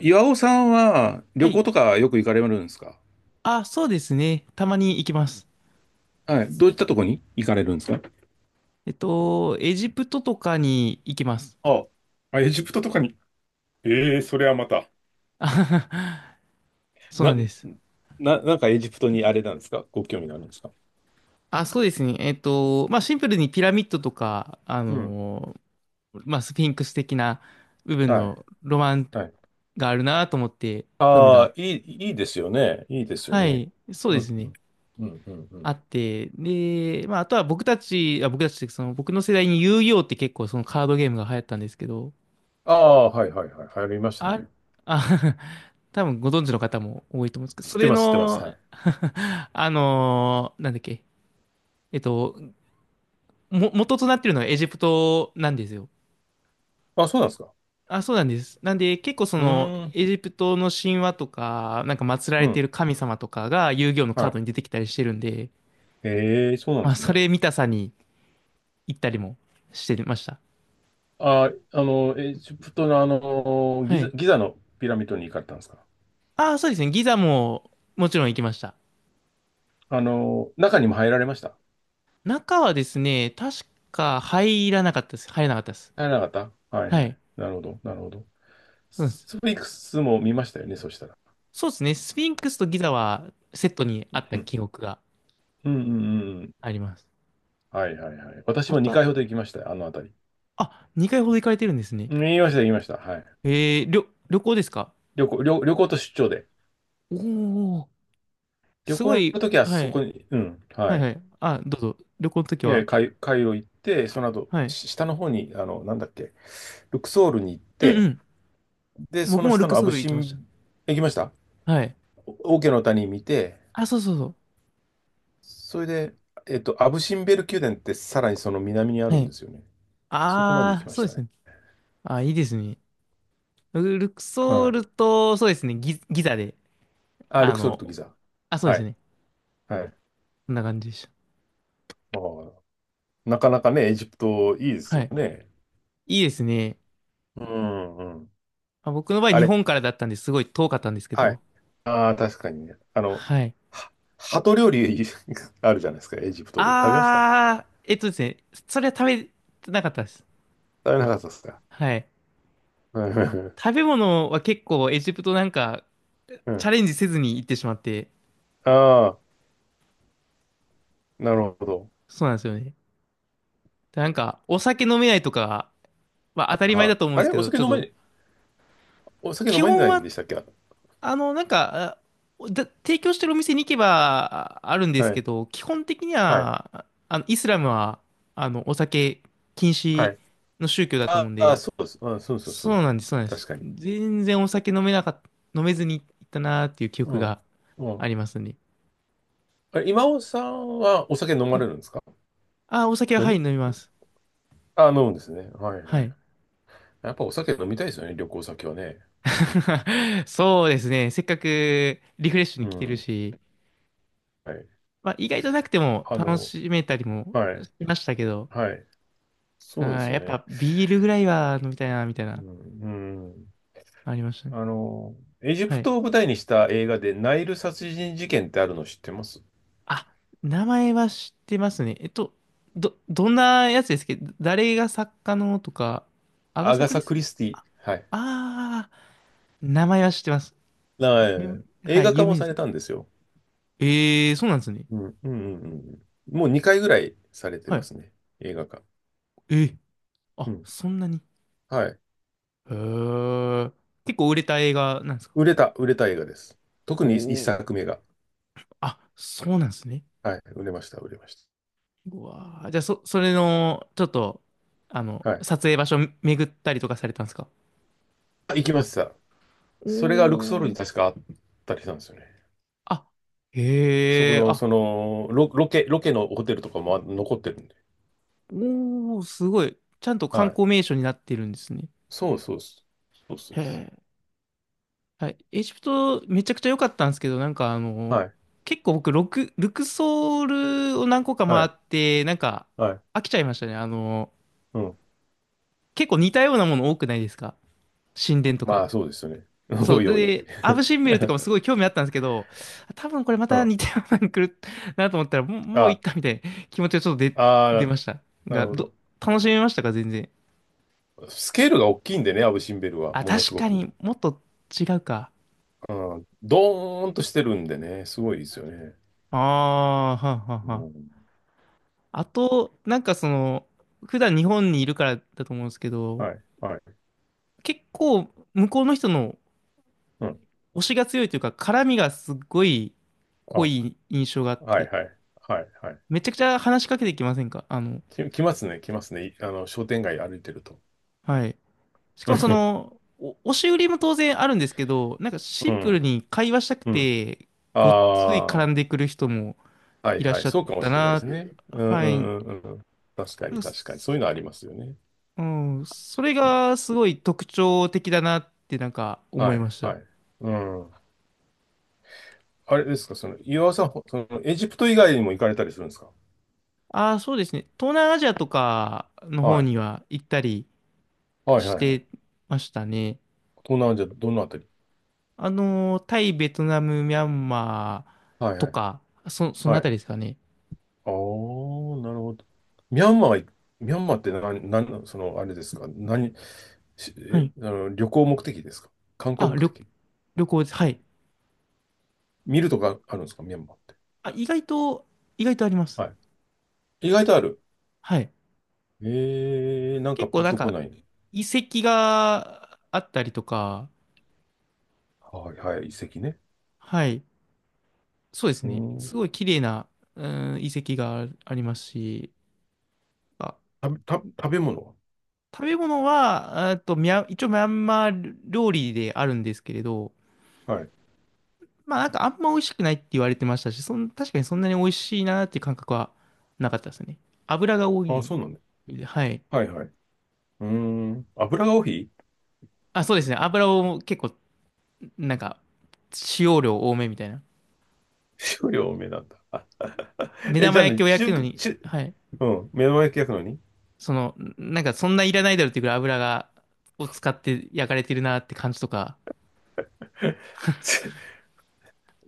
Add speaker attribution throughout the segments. Speaker 1: 岩尾さんは
Speaker 2: は
Speaker 1: 旅
Speaker 2: い。
Speaker 1: 行とかよく行かれるんですか？
Speaker 2: あ、そうですね。たまに行きます。
Speaker 1: はい。どういったとこに行かれるんですか？
Speaker 2: エジプトとかに行きます。
Speaker 1: ああ、エジプトとかに。ええ、それはまた。
Speaker 2: あはは、そうな
Speaker 1: な、
Speaker 2: んです。
Speaker 1: なんかエジプトにあれなんですか？ご興味があるんですか？
Speaker 2: あ、そうですね。まあ、シンプルにピラミッドとか、
Speaker 1: うん。
Speaker 2: まあ、スフィンクス的な部分
Speaker 1: はい。
Speaker 2: のロマン
Speaker 1: はい。
Speaker 2: があるなと思って、興味が。
Speaker 1: ああ、いいですよね。いいですよ
Speaker 2: は
Speaker 1: ね。
Speaker 2: い。そうで
Speaker 1: う
Speaker 2: す
Speaker 1: ん、う
Speaker 2: ね。
Speaker 1: ん、うん、うん。う
Speaker 2: あ
Speaker 1: ん。
Speaker 2: って。で、まあ、あとは僕たちって、その、僕の世代に遊戯王って結構そのカードゲームが流行ったんですけど、
Speaker 1: ああ、はい、はい、はい。流行りました
Speaker 2: あ、
Speaker 1: ね。
Speaker 2: あ、多分ご存知の方も多いと思うんですけど、
Speaker 1: 知っ
Speaker 2: そ
Speaker 1: て
Speaker 2: れ
Speaker 1: ます、知ってます。は
Speaker 2: の、
Speaker 1: い。
Speaker 2: なんだっけ、えっと、元となっているのはエジプトなんですよ。
Speaker 1: あ、そうなんですか。
Speaker 2: あ、そうなんです。なんで、結構そ
Speaker 1: う
Speaker 2: の、
Speaker 1: ーん、
Speaker 2: エジプトの神話とか、なんか祀ら
Speaker 1: う
Speaker 2: れてい
Speaker 1: ん。
Speaker 2: る神様とかが遊戯王のカ
Speaker 1: は
Speaker 2: ード
Speaker 1: い。
Speaker 2: に出てきたりしてるんで、
Speaker 1: ええ、そうなんで
Speaker 2: まあ、
Speaker 1: す
Speaker 2: そ
Speaker 1: ね。
Speaker 2: れ見たさに行ったりもしてました。
Speaker 1: あ、エジプトの
Speaker 2: はい。
Speaker 1: ギザのピラミッドに行かれたんですか？
Speaker 2: ああ、そうですね。ギザも、もちろん行きました。
Speaker 1: 中にも入られました？
Speaker 2: 中はですね、確か入らなかったです。入らなかったです。
Speaker 1: 入らなかった。はい
Speaker 2: は
Speaker 1: はい。
Speaker 2: い。
Speaker 1: なるほど、なるほど。
Speaker 2: そうです。
Speaker 1: スフィンクスも見ましたよね、そしたら。
Speaker 2: そうですね。スフィンクスとギザはセットに
Speaker 1: う
Speaker 2: あった
Speaker 1: ん、
Speaker 2: 記憶が
Speaker 1: うん、うんうん。
Speaker 2: あります。
Speaker 1: はいはいはい。私
Speaker 2: あ
Speaker 1: も
Speaker 2: と
Speaker 1: 2
Speaker 2: は、
Speaker 1: 回ほど行きましたよ、あの辺り。
Speaker 2: あ、2回ほど行かれてるんですね。
Speaker 1: 見ました、行きました。はい。
Speaker 2: 旅行ですか？
Speaker 1: 旅行と出張で。
Speaker 2: おおー、
Speaker 1: 旅
Speaker 2: す
Speaker 1: 行
Speaker 2: ご
Speaker 1: の時
Speaker 2: い、
Speaker 1: は
Speaker 2: は
Speaker 1: そ
Speaker 2: い、
Speaker 1: こに、うん、
Speaker 2: は
Speaker 1: は
Speaker 2: い
Speaker 1: い。
Speaker 2: はい。あ、どうぞ。旅行の時
Speaker 1: いや、
Speaker 2: は。
Speaker 1: カイロ行って、その後、
Speaker 2: はい。
Speaker 1: し下の方に、なんだっけ、ルクソールに行っ
Speaker 2: うん
Speaker 1: て、
Speaker 2: うん。
Speaker 1: で、そ
Speaker 2: 僕
Speaker 1: の
Speaker 2: もル
Speaker 1: 下
Speaker 2: ク
Speaker 1: のア
Speaker 2: ソー
Speaker 1: ブ
Speaker 2: ル行
Speaker 1: シ
Speaker 2: きまし
Speaker 1: ン、行きました。
Speaker 2: た。はい。
Speaker 1: オーケーの谷見て、
Speaker 2: あ、そうそうそう。
Speaker 1: それで、アブシンベル宮殿ってさらにその南にあ
Speaker 2: は
Speaker 1: るん
Speaker 2: い。
Speaker 1: ですよね。そこまで行
Speaker 2: あ
Speaker 1: き
Speaker 2: ー、
Speaker 1: ま
Speaker 2: そ
Speaker 1: し
Speaker 2: うで
Speaker 1: たね。
Speaker 2: すね。あ、いいですね。ルルクソ
Speaker 1: は
Speaker 2: ー
Speaker 1: い。
Speaker 2: ルと、そうですね。ギザで、
Speaker 1: あ、ル
Speaker 2: あ
Speaker 1: クソルとギ
Speaker 2: の、
Speaker 1: ザ。
Speaker 2: あ、そうで
Speaker 1: は
Speaker 2: す
Speaker 1: い。
Speaker 2: ね。
Speaker 1: はい。
Speaker 2: こんな感じでし
Speaker 1: あー、なかなかね、エジプトいいで
Speaker 2: た。
Speaker 1: す
Speaker 2: は
Speaker 1: よ
Speaker 2: い。
Speaker 1: ね。
Speaker 2: いいですね。
Speaker 1: うんうん。
Speaker 2: まあ、僕の場合、
Speaker 1: あ
Speaker 2: 日
Speaker 1: れ、
Speaker 2: 本からだったんですごい遠かったんですけ
Speaker 1: はい。
Speaker 2: ど。
Speaker 1: ああ、確かにね。
Speaker 2: はい。
Speaker 1: は鳩料理 あるじゃないですか、エジプトで。食べました？
Speaker 2: あー、えっとですね、それは食べてなかったです。
Speaker 1: 食べなかったですか？
Speaker 2: はい。
Speaker 1: うん
Speaker 2: 食べ物は結構エジプトなんか
Speaker 1: う
Speaker 2: チャ
Speaker 1: ん。
Speaker 2: レンジせずに行ってしまって、
Speaker 1: ああ、なるほど。
Speaker 2: そうなんですよね。なんか、お酒飲めないとかは当
Speaker 1: は
Speaker 2: たり前だと思うん
Speaker 1: あ、
Speaker 2: で
Speaker 1: あ
Speaker 2: す
Speaker 1: れ
Speaker 2: け
Speaker 1: お
Speaker 2: ど、
Speaker 1: 酒
Speaker 2: ちょっ
Speaker 1: 飲ま
Speaker 2: と、
Speaker 1: れ、お酒飲
Speaker 2: 基
Speaker 1: まれ
Speaker 2: 本
Speaker 1: ないん
Speaker 2: は、
Speaker 1: でしたっけ？は
Speaker 2: なんか、あだ提供してるお店に行けばああるんですけ
Speaker 1: い。
Speaker 2: ど、基本的に
Speaker 1: はい。
Speaker 2: は、イスラムは、お酒禁
Speaker 1: は
Speaker 2: 止
Speaker 1: い。
Speaker 2: の宗教だと思う
Speaker 1: あ
Speaker 2: ん
Speaker 1: あ、
Speaker 2: で、
Speaker 1: そうです。あ、そうそうそ
Speaker 2: そ
Speaker 1: う
Speaker 2: うな
Speaker 1: で。
Speaker 2: んです、そうなんで
Speaker 1: 確
Speaker 2: す。
Speaker 1: かに。
Speaker 2: 全然お酒飲めなかった、飲めずに行ったなーっていう記
Speaker 1: う
Speaker 2: 憶
Speaker 1: ん。
Speaker 2: が
Speaker 1: う
Speaker 2: あ
Speaker 1: ん。
Speaker 2: りますね。
Speaker 1: 今尾さんはお酒飲ま
Speaker 2: は
Speaker 1: れ
Speaker 2: い。
Speaker 1: るんですか？
Speaker 2: お酒は、
Speaker 1: 飲
Speaker 2: はい、
Speaker 1: む
Speaker 2: 飲みます。
Speaker 1: あ、飲むんですね。はい
Speaker 2: は
Speaker 1: はい。
Speaker 2: い。
Speaker 1: やっぱお酒飲みたいですよね、旅行先はね。
Speaker 2: そうですね。せっかくリフレッシュ
Speaker 1: う
Speaker 2: に来てる
Speaker 1: ん。
Speaker 2: し、
Speaker 1: はい。
Speaker 2: まあ、意外となくても
Speaker 1: あ
Speaker 2: 楽
Speaker 1: の、
Speaker 2: しめたりも
Speaker 1: は
Speaker 2: し
Speaker 1: い。
Speaker 2: ましたけど、
Speaker 1: はい。
Speaker 2: うん、
Speaker 1: そうですよ
Speaker 2: やっ
Speaker 1: ね。
Speaker 2: ぱビールぐらいは飲みたいな、みたい
Speaker 1: う
Speaker 2: な、
Speaker 1: ん。うん。
Speaker 2: ありましたね。
Speaker 1: あの、エジ
Speaker 2: は
Speaker 1: プ
Speaker 2: い。
Speaker 1: トを舞台にした映画でナイル殺人事件ってあるの知ってます？
Speaker 2: あ、名前は知ってますね。どんなやつですけど、誰が作家のとか、アガ
Speaker 1: ア
Speaker 2: サ・
Speaker 1: ガ
Speaker 2: クリ
Speaker 1: サ・
Speaker 2: ス
Speaker 1: ク
Speaker 2: テ
Speaker 1: リ
Speaker 2: ィ。
Speaker 1: スティ。はい。
Speaker 2: あ名前は知ってます。
Speaker 1: はい。
Speaker 2: は
Speaker 1: 映
Speaker 2: い、
Speaker 1: 画化
Speaker 2: 有
Speaker 1: も
Speaker 2: 名で
Speaker 1: さ
Speaker 2: す
Speaker 1: れ
Speaker 2: ね。
Speaker 1: たんですよ。
Speaker 2: ええー、そうなんですね。
Speaker 1: うん、うん、うんうんうんうん、もう2回ぐらいされて
Speaker 2: は
Speaker 1: ま
Speaker 2: い。
Speaker 1: すね。映画化。
Speaker 2: えー、
Speaker 1: う
Speaker 2: あ、
Speaker 1: ん。
Speaker 2: そんなに。
Speaker 1: はい。
Speaker 2: へえ。結構売れた映画なんですか？
Speaker 1: 売れた映画です。特
Speaker 2: お
Speaker 1: に1
Speaker 2: お
Speaker 1: 作
Speaker 2: ー。
Speaker 1: 目が。
Speaker 2: あ、そうなんですね。
Speaker 1: はい。売れまし
Speaker 2: うわー、じゃあ、それの、ちょっと、
Speaker 1: た。はい。
Speaker 2: 撮影場所巡ったりとかされたんですか？
Speaker 1: あ、行きました。
Speaker 2: お
Speaker 1: それがルクソール
Speaker 2: ー、
Speaker 1: に確かあったりしたんですよね。
Speaker 2: あ、
Speaker 1: そこ
Speaker 2: へえ、
Speaker 1: の、
Speaker 2: あ、
Speaker 1: その、ロケのホテルとかも残ってるんで。
Speaker 2: おー、すごい。ちゃんと観
Speaker 1: はい。
Speaker 2: 光名所になってるんですね。
Speaker 1: そうそうそうそう、そう
Speaker 2: へ
Speaker 1: です。
Speaker 2: え。はい、エジプトめちゃくちゃ良かったんですけど、なんかあ
Speaker 1: は
Speaker 2: の、
Speaker 1: い。
Speaker 2: 結構僕、ルクソールを何個か
Speaker 1: は
Speaker 2: 回っ
Speaker 1: い。
Speaker 2: て、なんか
Speaker 1: はい。
Speaker 2: 飽きちゃいましたね。
Speaker 1: うん。
Speaker 2: 結構似たようなもの多くないですか？神殿と
Speaker 1: ま
Speaker 2: か。
Speaker 1: あ、そうですよね。
Speaker 2: そ
Speaker 1: お
Speaker 2: う。
Speaker 1: いおい。
Speaker 2: で、アブ・シンベルとかもすごい興味あったんですけど、多分これま
Speaker 1: う
Speaker 2: た
Speaker 1: ん。
Speaker 2: 似たようなの来る なと思ったら、もう、もういっ
Speaker 1: あ、
Speaker 2: かみたいな気持ちがちょっと出
Speaker 1: あ
Speaker 2: ました。
Speaker 1: ー、な
Speaker 2: が、
Speaker 1: るほ
Speaker 2: ど、
Speaker 1: ど。
Speaker 2: 楽しめましたか全然？
Speaker 1: スケールが大きいんでね、アブ・シンベルは、
Speaker 2: あ、
Speaker 1: ものす
Speaker 2: 確
Speaker 1: ご
Speaker 2: か
Speaker 1: く。
Speaker 2: にもっと違うか。
Speaker 1: うん、ドーンとしてるんでね、すごいですよね。
Speaker 2: ああ、はんはん
Speaker 1: う
Speaker 2: はん。
Speaker 1: ん、
Speaker 2: あと、なんか、普段日本にいるからだと思うんですけど、
Speaker 1: はい、はい、
Speaker 2: 結構向こうの人の
Speaker 1: うん。
Speaker 2: 推しが強いというか、絡みがすっごい
Speaker 1: あ、
Speaker 2: 濃い印象があっ
Speaker 1: は
Speaker 2: て、
Speaker 1: い、はい、はい、はい。
Speaker 2: めちゃくちゃ話しかけてきませんか？
Speaker 1: 来ますね、来ますね。商店街歩いてると。
Speaker 2: はい。し か
Speaker 1: う
Speaker 2: もそ
Speaker 1: ん、
Speaker 2: の、お押し売りも当然あるんですけど、なんかシ
Speaker 1: う
Speaker 2: ンプル
Speaker 1: ん、
Speaker 2: に会話したく
Speaker 1: うん。
Speaker 2: て、ごっつい絡
Speaker 1: あ
Speaker 2: ん
Speaker 1: あ、
Speaker 2: でくる人も
Speaker 1: はい
Speaker 2: いらっ
Speaker 1: は
Speaker 2: し
Speaker 1: い。
Speaker 2: ゃっ
Speaker 1: そうかも
Speaker 2: た
Speaker 1: しれないで
Speaker 2: な。
Speaker 1: すね。うんう
Speaker 2: はい。なん
Speaker 1: んうんうん。確かに
Speaker 2: か
Speaker 1: 確かに。そう
Speaker 2: す
Speaker 1: いうのありますよね。
Speaker 2: うん、それ
Speaker 1: うん
Speaker 2: がすごい特徴的だなってなんか思
Speaker 1: は
Speaker 2: いま
Speaker 1: い
Speaker 2: した。
Speaker 1: はい。うん。あれですか、岩尾さん、ほその、エジプト以外にも行かれたりするんですか？
Speaker 2: ああ、そうですね。東南アジアとかの
Speaker 1: は
Speaker 2: 方
Speaker 1: い。
Speaker 2: には行ったり
Speaker 1: はいは
Speaker 2: し
Speaker 1: いはい。
Speaker 2: てましたね。
Speaker 1: 東南アジア、どのあたり？
Speaker 2: タイ、ベトナム、ミャンマー
Speaker 1: はい
Speaker 2: と
Speaker 1: はい。
Speaker 2: か、その
Speaker 1: は
Speaker 2: あた
Speaker 1: い。
Speaker 2: りですかね。
Speaker 1: ああ、なるほど。ミャンマーは、ミャンマーってあれですか、
Speaker 2: はい。
Speaker 1: 旅行目的ですか？観光
Speaker 2: あ、
Speaker 1: 目
Speaker 2: 旅、
Speaker 1: 的？
Speaker 2: 旅行です。はい。
Speaker 1: 見るとかあるんですかミャンマーって。
Speaker 2: あ、意外と、意外とあります。
Speaker 1: はい。意外とある。
Speaker 2: はい。
Speaker 1: なんか
Speaker 2: 結構
Speaker 1: ピン
Speaker 2: なん
Speaker 1: とこ
Speaker 2: か、
Speaker 1: ないね。
Speaker 2: 遺跡があったりとか、
Speaker 1: はいはい、遺跡ね。
Speaker 2: はい。そうです
Speaker 1: う
Speaker 2: ね。す
Speaker 1: ん。
Speaker 2: ごい綺麗な、うん、遺跡があありますし、あ、
Speaker 1: た、食べ物
Speaker 2: 食べ物は、えっと、ミャン、一応ミャンマー料理であるんですけれど、
Speaker 1: は？はい。
Speaker 2: まあなんかあんま美味しくないって言われてましたし、確かにそんなに美味しいなっていう感覚はなかったですね。油が多
Speaker 1: ああ、
Speaker 2: い。
Speaker 1: そうなんだ。
Speaker 2: はい。
Speaker 1: はいはい。うん。油が多い？
Speaker 2: あ、そうですね。油を結構、なんか、使用量多めみたいな。
Speaker 1: 少量多めなんだ。あ、
Speaker 2: 目
Speaker 1: じ
Speaker 2: 玉
Speaker 1: ゃあ
Speaker 2: 焼
Speaker 1: ね、
Speaker 2: きを焼くのに、
Speaker 1: 中、
Speaker 2: はい。
Speaker 1: うん、目の前焼き焼くのに。
Speaker 2: その、なんかそんないらないだろうっていうぐらいを使って焼かれてるなって感じとか。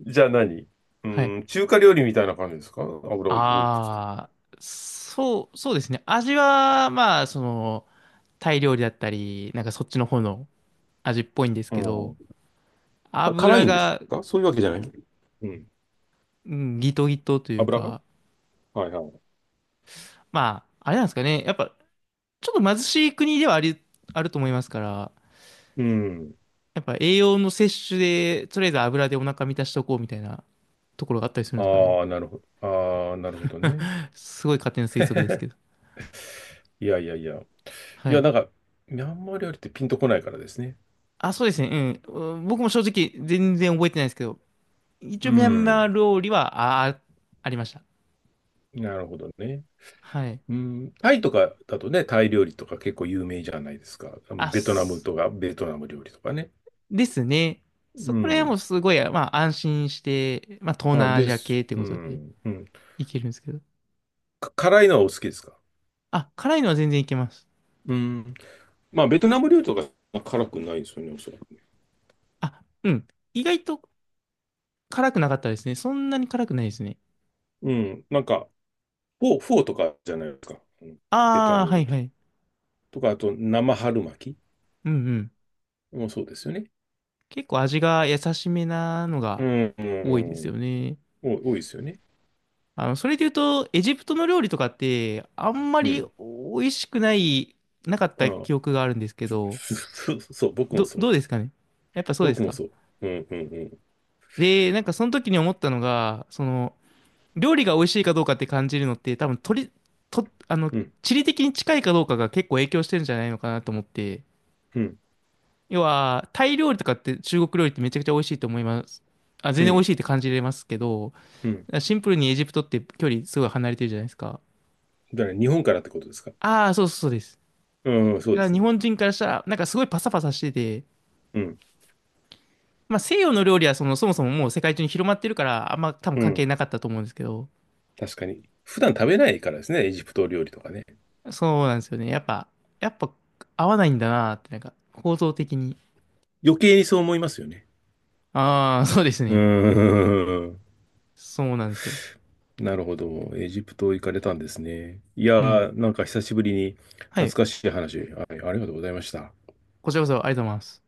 Speaker 1: じゃあう
Speaker 2: はい。
Speaker 1: ーん、中華料理みたいな感じですか？油をいくつか。
Speaker 2: ああ、そうですね。味は、まあ、タイ料理だったり、なんかそっちの方の味っぽいんです
Speaker 1: う
Speaker 2: けど、
Speaker 1: ん。あ、辛
Speaker 2: 油
Speaker 1: いんです
Speaker 2: が、
Speaker 1: か？そういうわけじゃない。うん。
Speaker 2: うん、ギトギトという
Speaker 1: 油が、
Speaker 2: か、
Speaker 1: はいはい。
Speaker 2: まあ、あれなんですかね。やっぱ、ちょっと貧しい国ではあると思いますから、
Speaker 1: うん。
Speaker 2: やっぱ栄養の摂取で、とりあえず油でお腹満たしとこうみたいなところがあったりするんですかね。
Speaker 1: ああ、なるほど。ああ、なるほどね。
Speaker 2: すごい勝手な推測ですけど。
Speaker 1: いやいやいや。い
Speaker 2: は
Speaker 1: や、
Speaker 2: い。
Speaker 1: なんか、ミャンマー料理ってピンとこないからですね。
Speaker 2: あ、そうですね。うん。うん、僕も正直全然覚えてないですけど、一
Speaker 1: う
Speaker 2: 応ミャンマー
Speaker 1: ん。
Speaker 2: 料理は、あ、あありました。
Speaker 1: なるほどね。
Speaker 2: はい。
Speaker 1: うん。タイとかだとね、タイ料理とか結構有名じゃないですか。
Speaker 2: あ、
Speaker 1: ベトナム
Speaker 2: す
Speaker 1: とか、ベトナム料理とかね。
Speaker 2: ですね。そ
Speaker 1: う
Speaker 2: こら辺も
Speaker 1: ん。
Speaker 2: すごい、まあ安心して、まあ東
Speaker 1: あ、
Speaker 2: 南ア
Speaker 1: で
Speaker 2: ジア
Speaker 1: す。
Speaker 2: 系って
Speaker 1: う
Speaker 2: ことで
Speaker 1: ん。うん。
Speaker 2: いけるんですけど。
Speaker 1: 辛いのはお好きですか？
Speaker 2: あ、辛いのは全然いけます。
Speaker 1: うん。まあ、ベトナム料理とか辛くないですよね、おそらく。
Speaker 2: あ、うん。意外と辛くなかったですね。そんなに辛くないですね。
Speaker 1: うん。なんか、フォーとかじゃないですか。うん、ベト
Speaker 2: あ
Speaker 1: ナ
Speaker 2: あ、
Speaker 1: ム
Speaker 2: は
Speaker 1: 料
Speaker 2: いは
Speaker 1: 理。
Speaker 2: い。
Speaker 1: とか、あと、生春巻
Speaker 2: うんうん。
Speaker 1: きもそうですよね。
Speaker 2: 結構味が優しめなの
Speaker 1: う
Speaker 2: が
Speaker 1: ん、
Speaker 2: 多いで
Speaker 1: う
Speaker 2: すよ
Speaker 1: ん。
Speaker 2: ね。
Speaker 1: 多いですよね。
Speaker 2: それで言うと、エジプトの料理とかって、あんま
Speaker 1: う
Speaker 2: り
Speaker 1: ん。
Speaker 2: 美味しくない、なかっ
Speaker 1: あ
Speaker 2: た
Speaker 1: あ、
Speaker 2: 記憶があるんですけど、
Speaker 1: そう、そう、僕もそう。
Speaker 2: どうですかね？やっぱそうで
Speaker 1: 僕
Speaker 2: す
Speaker 1: も
Speaker 2: か？
Speaker 1: そう。うん、うん、
Speaker 2: で、なんかその時に思ったのが、料理が美味しいかどうかって感じるのって多分取り、と、あの、
Speaker 1: うん。
Speaker 2: 地理的に近いかどうかが結構影響してるんじゃないのかなと思って。
Speaker 1: うん、うん、
Speaker 2: 要は、タイ料理とかって中国料理ってめちゃくちゃ美味しいと思います。あ、
Speaker 1: う
Speaker 2: 全然美味
Speaker 1: ん、
Speaker 2: しいって感じれますけど、
Speaker 1: うん。
Speaker 2: シンプルにエジプトって距離すごい離れてるじゃないですか。
Speaker 1: だから、日本からってことですか。
Speaker 2: ああ、そうそうそうです。
Speaker 1: うん、
Speaker 2: だ
Speaker 1: そう
Speaker 2: か
Speaker 1: で
Speaker 2: ら
Speaker 1: す
Speaker 2: 日
Speaker 1: ね。
Speaker 2: 本人からしたら、なんかすごいパサパサしてて、
Speaker 1: うん、
Speaker 2: まあ西洋の料理はその、そもそももう世界中に広まってるから、あんま多分
Speaker 1: う
Speaker 2: 関係
Speaker 1: ん。
Speaker 2: なかったと思うんですけど、
Speaker 1: 確かに。普段食べないからですね、エジプト料理とかね。
Speaker 2: そうなんですよね。やっぱ合わないんだなって、なんか構造的に。
Speaker 1: 余計にそう思いますよね。
Speaker 2: ああ、そうです
Speaker 1: う
Speaker 2: ね。
Speaker 1: ん。
Speaker 2: そうなんですよ。
Speaker 1: なるほど。エジプト行かれたんですね。いや
Speaker 2: うん。
Speaker 1: ー、なんか久しぶりに
Speaker 2: は
Speaker 1: 懐
Speaker 2: い。
Speaker 1: かしい話、はい、ありがとうございました。
Speaker 2: こちらこそありがとうございます。